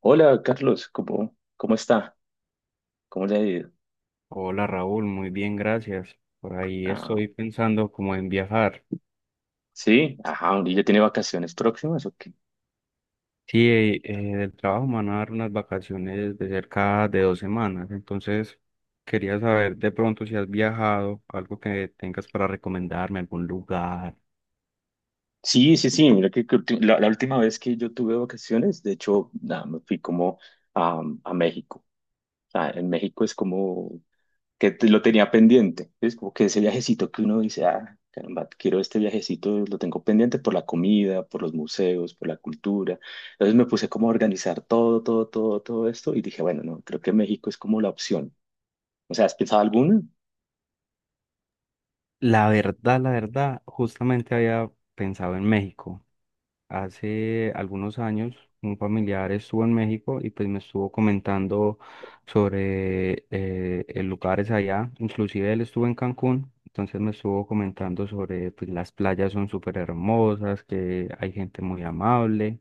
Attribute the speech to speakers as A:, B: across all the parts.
A: Hola, Carlos, ¿cómo está? ¿Cómo le ha ido?
B: Hola Raúl, muy bien, gracias. Por ahí
A: Ah,
B: estoy pensando como en viajar.
A: sí, ajá, ¿y ya tiene vacaciones próximas o qué?
B: Sí, del trabajo me van a dar unas vacaciones de cerca de 2 semanas, entonces quería saber de pronto si has viajado, algo que tengas para recomendarme, algún lugar.
A: Sí, sí, sí, mira que la última vez que yo tuve vacaciones, de hecho, nada, me fui como a México. O sea, en México es como lo tenía pendiente, es como que ese viajecito que uno dice, ah, caramba, quiero este viajecito, lo tengo pendiente por la comida, por los museos, por la cultura. Entonces me puse como a organizar todo esto y dije, bueno, no, creo que México es como la opción. O sea, ¿has pensado alguna?
B: La verdad, justamente había pensado en México. Hace algunos años un familiar estuvo en México y pues me estuvo comentando sobre lugares allá, inclusive él estuvo en Cancún, entonces me estuvo comentando sobre pues las playas son súper hermosas, que hay gente muy amable.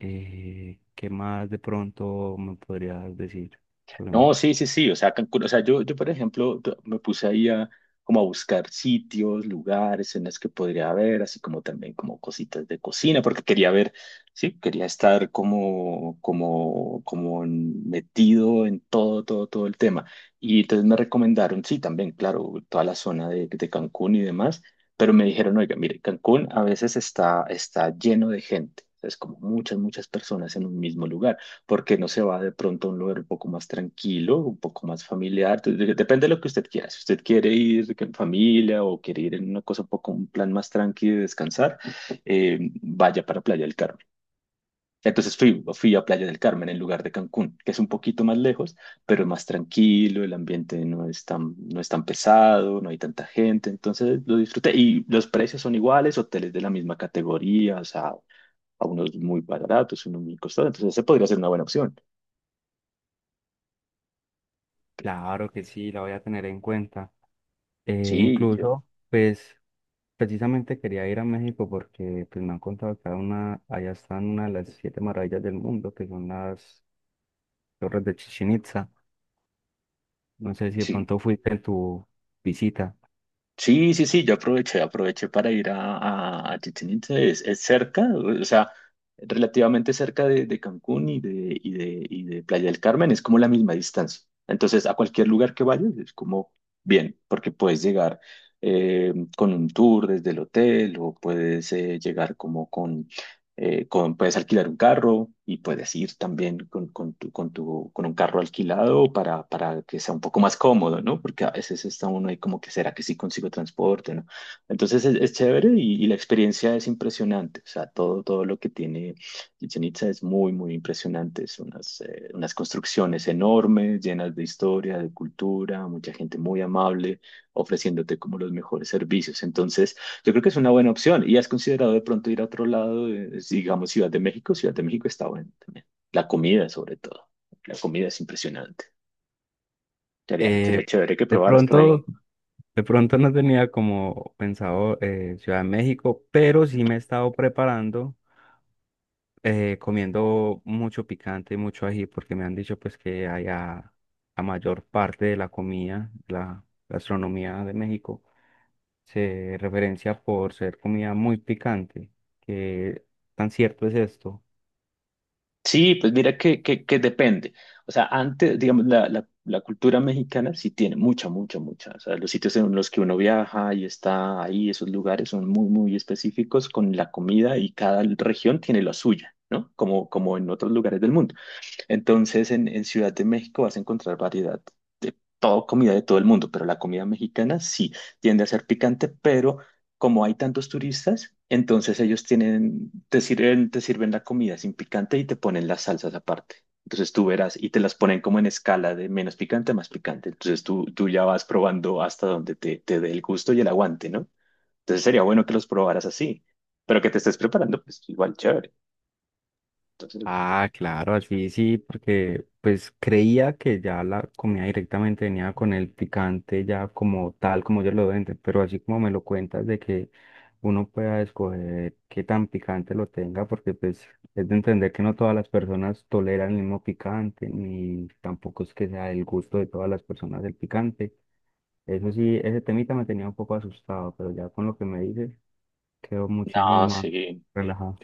B: ¿Qué más de pronto me podrías decir sobre
A: No,
B: México?
A: sí, sí, sí. O sea, Cancún, o sea, yo, por ejemplo, me puse ahí a, como a buscar sitios, lugares en los que podría haber, así como también como cositas de cocina, porque quería ver, sí, quería estar como metido en todo el tema. Y entonces me recomendaron, sí, también, claro, toda la zona de Cancún y demás, pero me dijeron, oiga, mire, Cancún a veces está lleno de gente. Es como muchas personas en un mismo lugar. ¿Porque no se va de pronto a un lugar un poco más tranquilo, un poco más familiar? Entonces, depende de lo que usted quiera. Si usted quiere ir en familia o quiere ir en una cosa un poco, un plan más tranqui de descansar, vaya para Playa del Carmen. Entonces fui a Playa del Carmen en lugar de Cancún, que es un poquito más lejos, pero es más tranquilo, el ambiente no es tan, no es tan pesado, no hay tanta gente, entonces lo disfruté. Y los precios son iguales, hoteles de la misma categoría, o sea, a unos muy baratos, unos muy costosos, entonces se podría ser una buena opción.
B: Claro que sí, la voy a tener en cuenta.
A: Sí, yo-
B: Incluso pues precisamente quería ir a México porque pues, me han contado que hay una, allá están una de las siete maravillas del mundo, que son las torres de Chichén Itzá. No sé si de
A: sí,
B: pronto fuiste en tu visita.
A: sí, sí, sí, yo aproveché para ir a Chichén Itzá, es cerca, o sea, relativamente cerca de Cancún y de Playa del Carmen, es como la misma distancia. Entonces, a cualquier lugar que vayas, es como bien, porque puedes llegar con un tour desde el hotel o puedes llegar como puedes alquilar un carro y puedes ir también con un carro alquilado para que sea un poco más cómodo, ¿no? Porque a veces está uno ahí como que será que sí consigo transporte, ¿no? Entonces es chévere y la experiencia es impresionante. O sea, todo lo que tiene Chichén Itzá es muy impresionante. Son unas, unas construcciones enormes, llenas de historia, de cultura, mucha gente muy amable, ofreciéndote como los mejores servicios. Entonces, yo creo que es una buena opción. ¿Y has considerado de pronto ir a otro lado, digamos Ciudad de México? Ciudad de México está bueno también. La comida, sobre todo. La comida es impresionante. Sería,
B: Eh,
A: sería chévere que
B: de
A: probaras por ahí.
B: pronto, de pronto no tenía como pensado Ciudad de México, pero sí me he estado preparando, comiendo mucho picante y mucho ají, porque me han dicho pues que allá la mayor parte de la comida, la gastronomía de México se referencia por ser comida muy picante. ¿Qué tan cierto es esto?
A: Sí, pues mira que depende. O sea, antes, digamos, la cultura mexicana sí tiene mucha. O sea, los sitios en los que uno viaja y está ahí, esos lugares son muy específicos con la comida y cada región tiene la suya, ¿no? Como, como en otros lugares del mundo. Entonces, en Ciudad de México vas a encontrar variedad de toda comida de todo el mundo, pero la comida mexicana sí tiende a ser picante, pero como hay tantos turistas, entonces ellos tienen, te sirven la comida sin picante y te ponen las salsas aparte. Entonces tú verás y te las ponen como en escala de menos picante a más picante. Entonces tú ya vas probando hasta donde te dé el gusto y el aguante, ¿no? Entonces sería bueno que los probaras así, pero que te estés preparando, pues igual chévere. Entonces,
B: Ah, claro, así sí, porque pues creía que ya la comida directamente venía con el picante, ya como tal, como ellos lo venden, pero así como me lo cuentas de que uno pueda escoger qué tan picante lo tenga, porque pues es de entender que no todas las personas toleran el mismo picante, ni tampoco es que sea el gusto de todas las personas el picante. Eso sí, ese temita me tenía un poco asustado, pero ya con lo que me dices, quedo muchísimo
A: no,
B: más
A: sí.
B: relajado.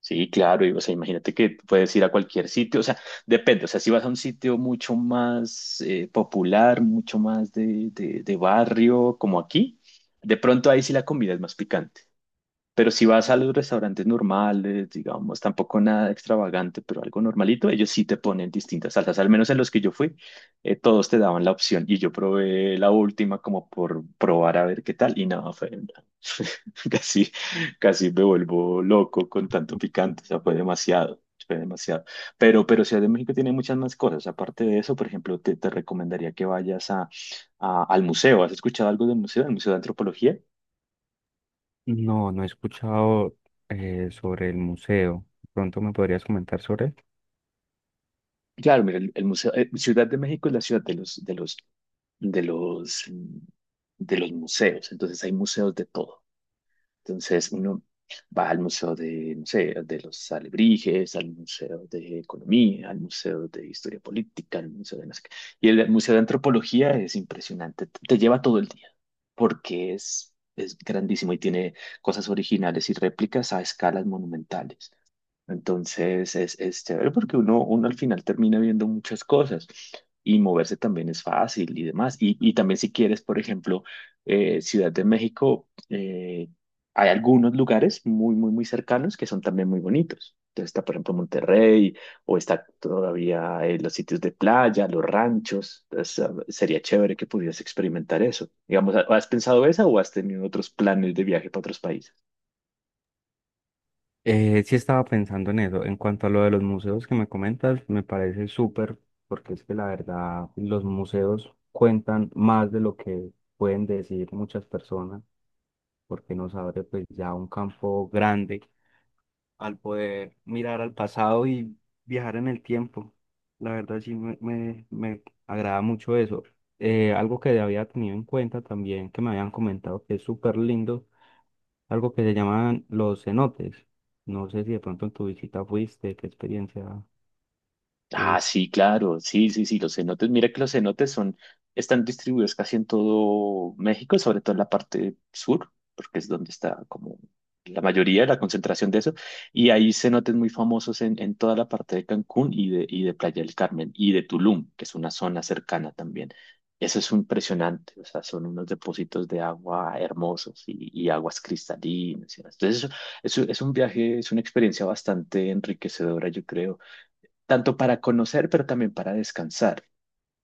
A: Sí, claro, y, o sea, imagínate que tú puedes ir a cualquier sitio, o sea, depende, o sea, si vas a un sitio mucho más popular, mucho más de barrio, como aquí, de pronto ahí sí la comida es más picante, pero si vas a los restaurantes normales, digamos, tampoco nada extravagante, pero algo normalito, ellos sí te ponen distintas salsas. Al menos en los que yo fui, todos te daban la opción. Y yo probé la última como por probar a ver qué tal. Y nada, fue, casi, casi me vuelvo loco con tanto picante. O sea, fue demasiado, fue demasiado. Pero Ciudad de México tiene muchas más cosas. Aparte de eso, por ejemplo, te recomendaría que vayas al museo. ¿Has escuchado algo del museo? ¿El Museo de Antropología?
B: No, no he escuchado sobre el museo. Pronto me podrías comentar sobre él.
A: Claro, mira, el museo, Ciudad de México es la ciudad de los, mm, de los museos. Entonces hay museos de todo. Entonces uno va al museo de, no sé, de los alebrijes, al museo de economía, al museo de historia política, al museo de no sé qué. Y el museo de antropología es impresionante. Te lleva todo el día porque es grandísimo y tiene cosas originales y réplicas a escalas monumentales. Entonces es chévere porque uno al final termina viendo muchas cosas y moverse también es fácil y demás. Y también si quieres, por ejemplo, Ciudad de México, hay algunos lugares muy cercanos que son también muy bonitos. Entonces está, por ejemplo, Monterrey o está todavía los sitios de playa, los ranchos. Entonces, ah, sería chévere que pudieras experimentar eso. Digamos, ¿has pensado eso o has tenido otros planes de viaje para otros países?
B: Sí estaba pensando en eso. En cuanto a lo de los museos que me comentas, me parece súper, porque es que la verdad los museos cuentan más de lo que pueden decir muchas personas, porque nos abre pues ya un campo grande al poder mirar al pasado y viajar en el tiempo. La verdad sí me agrada mucho eso. Algo que había tenido en cuenta también, que me habían comentado que es súper lindo, algo que se llaman los cenotes. No sé si de pronto en tu visita fuiste, qué experiencia
A: Ah,
B: tuviste.
A: sí, claro, sí, sí, sí, los cenotes, mira que los cenotes son, están distribuidos casi en todo México, sobre todo en la parte sur, porque es donde está como la mayoría de la concentración de eso, y hay cenotes muy famosos en toda la parte de Cancún y de Playa del Carmen y de Tulum, que es una zona cercana también. Eso es impresionante, o sea, son unos depósitos de agua hermosos y aguas cristalinas. Entonces, eso es un viaje, es una experiencia bastante enriquecedora, yo creo tanto para conocer, pero también para descansar.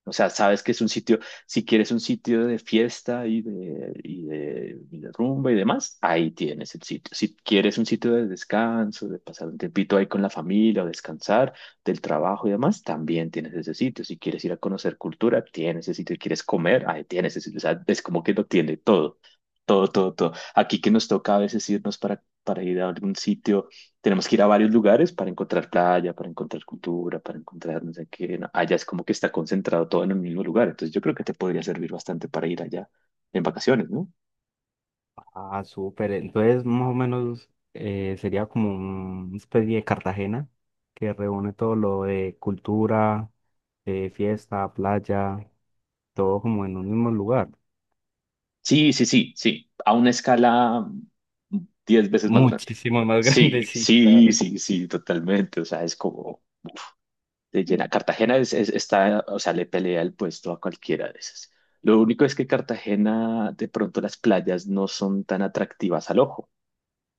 A: O sea, sabes que es un sitio, si quieres un sitio de fiesta y de rumba y demás, ahí tienes el sitio. Si quieres un sitio de descanso, de pasar un tiempito ahí con la familia o descansar del trabajo y demás, también tienes ese sitio. Si quieres ir a conocer cultura, tienes ese sitio. Si quieres comer, ahí tienes ese sitio. O sea, es como que lo tiene todo. Todo. Aquí que nos toca a veces irnos para ir a algún sitio tenemos que ir a varios lugares para encontrar playa, para encontrar cultura, para encontrar no sé qué. No, allá es como que está concentrado todo en un mismo lugar. Entonces yo creo que te podría servir bastante para ir allá en vacaciones, ¿no?
B: Ah, súper. Entonces, más o menos sería como una especie de Cartagena que reúne todo lo de cultura, fiesta, playa, todo como en un mismo lugar.
A: Sí, sí, sí, sí. A una escala mm, 10 veces más grande.
B: Muchísimo más
A: Sí,
B: grande, sí,
A: sí,
B: claro.
A: sí, sí, totalmente. O sea, es como de llena. Cartagena está, o sea, le pelea el puesto a cualquiera de esas. Lo único es que Cartagena, de pronto las playas no son tan atractivas al ojo.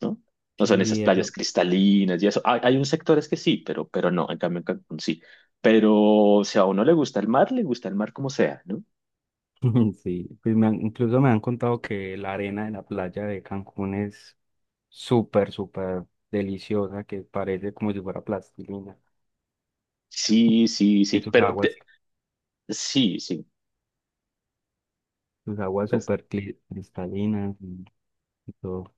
A: ¿No? No son esas
B: Sí,
A: playas
B: eso.
A: cristalinas y eso. Hay un sectores que sí, pero no, en cambio en Cancún sí. Pero si a uno le gusta el mar, le gusta el mar como sea, ¿no?
B: Sí, pues incluso me han contado que la arena de la playa de Cancún es súper, súper deliciosa, que parece como si fuera plastilina,
A: Sí, sí,
B: que
A: sí,
B: sus
A: pero
B: aguas,
A: te- sí, sí.
B: sus aguas súper cristalinas y todo.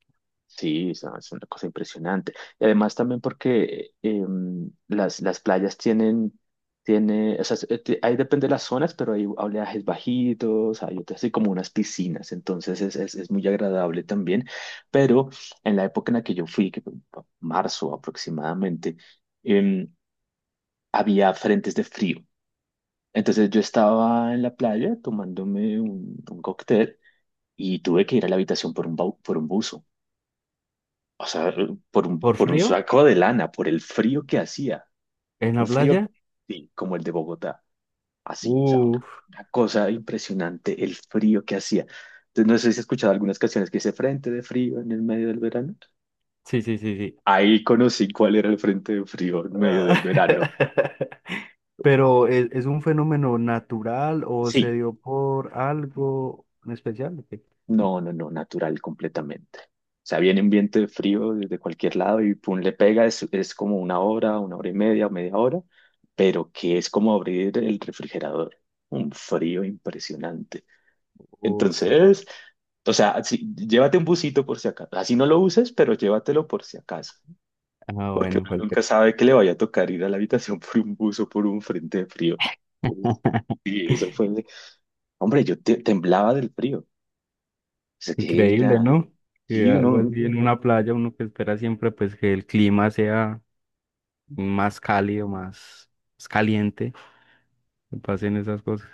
A: Sí, es una cosa impresionante. Y además también porque las playas tienen, o sea, ahí depende de las zonas, pero hay oleajes bajitos, hay otras así como unas piscinas, entonces es muy agradable también. Pero en la época en la que yo fui, que fue marzo aproximadamente, em, había frentes de frío. Entonces yo estaba en la playa tomándome un cóctel y tuve que ir a la habitación por por un buzo. O sea,
B: ¿Por
A: por un
B: frío?
A: saco de lana, por el frío que hacía.
B: ¿En la
A: Un frío,
B: playa?
A: sí, como el de Bogotá. Así, o sea,
B: Uf,
A: una cosa impresionante, el frío que hacía. Entonces, no sé si has escuchado algunas canciones que dice Frente de frío en el medio del verano.
B: sí, sí, sí, sí.
A: Ahí conocí cuál era el frente de frío en medio del verano.
B: Pero ¿es un fenómeno natural o se
A: Sí,
B: dio por algo en especial? ¿O qué?
A: no, natural completamente. O sea, viene un viento de frío desde cualquier lado y pum, le pega, es como una hora y media o media hora, pero que es como abrir el refrigerador. Un frío impresionante.
B: O su-
A: Entonces, o sea, sí, llévate un busito por si acaso. Así no lo uses, pero llévatelo por si acaso.
B: Ah, bueno,
A: Uno
B: cualquier.
A: nunca sabe que le vaya a tocar ir a la habitación por un bus o por un frente de frío. Entonces, sí, eso fue. Hombre, temblaba del frío. O sea, que
B: Increíble,
A: era.
B: ¿no? Que
A: Sí,
B: algo
A: uno.
B: así en una playa, uno que espera siempre pues que el clima sea más cálido, más caliente, que pasen esas cosas.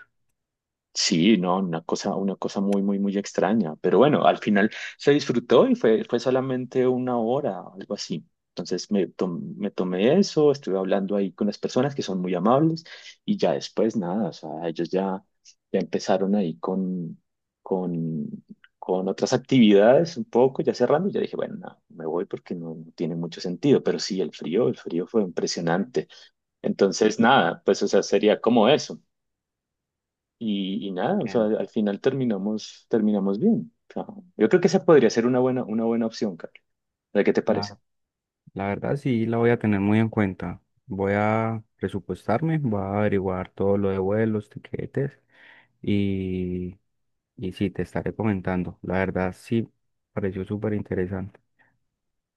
A: Sí, no, una cosa muy extraña. Pero bueno, al final se disfrutó y fue, fue solamente una hora, algo así. Entonces me tomé eso, estuve hablando ahí con las personas que son muy amables y ya después nada, o sea, ya empezaron ahí con, con otras actividades un poco, ya cerrando, y ya dije, bueno, nada, me voy porque no, no tiene mucho sentido, pero sí, el frío fue impresionante. Entonces nada, pues o sea, sería como eso. Y nada, o sea,
B: Bien.
A: al final terminamos bien. O sea, yo creo que esa podría ser una buena opción, Carlos. ¿De qué te parece?
B: La, la verdad sí la voy a tener muy en cuenta. Voy a presupuestarme, voy a averiguar todo lo de vuelos, tiquetes y Y sí, te estaré comentando. La verdad, sí, pareció súper interesante.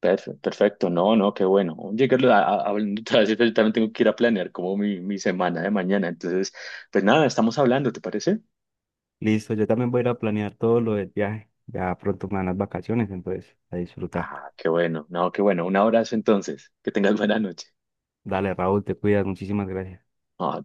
A: Perfecto, no, no, qué bueno. Oye, Carlos, hablando otra vez, yo también tengo que ir a planear como mi semana de mañana. Entonces, pues nada, estamos hablando, ¿te parece?
B: Listo, yo también voy a ir a planear todo lo del viaje. Ya pronto me dan las vacaciones, entonces a disfrutar.
A: Ah, qué bueno, no, qué bueno. Un abrazo entonces. Que tengas buena noche.
B: Dale, Raúl, te cuidas. Muchísimas gracias.
A: Ah,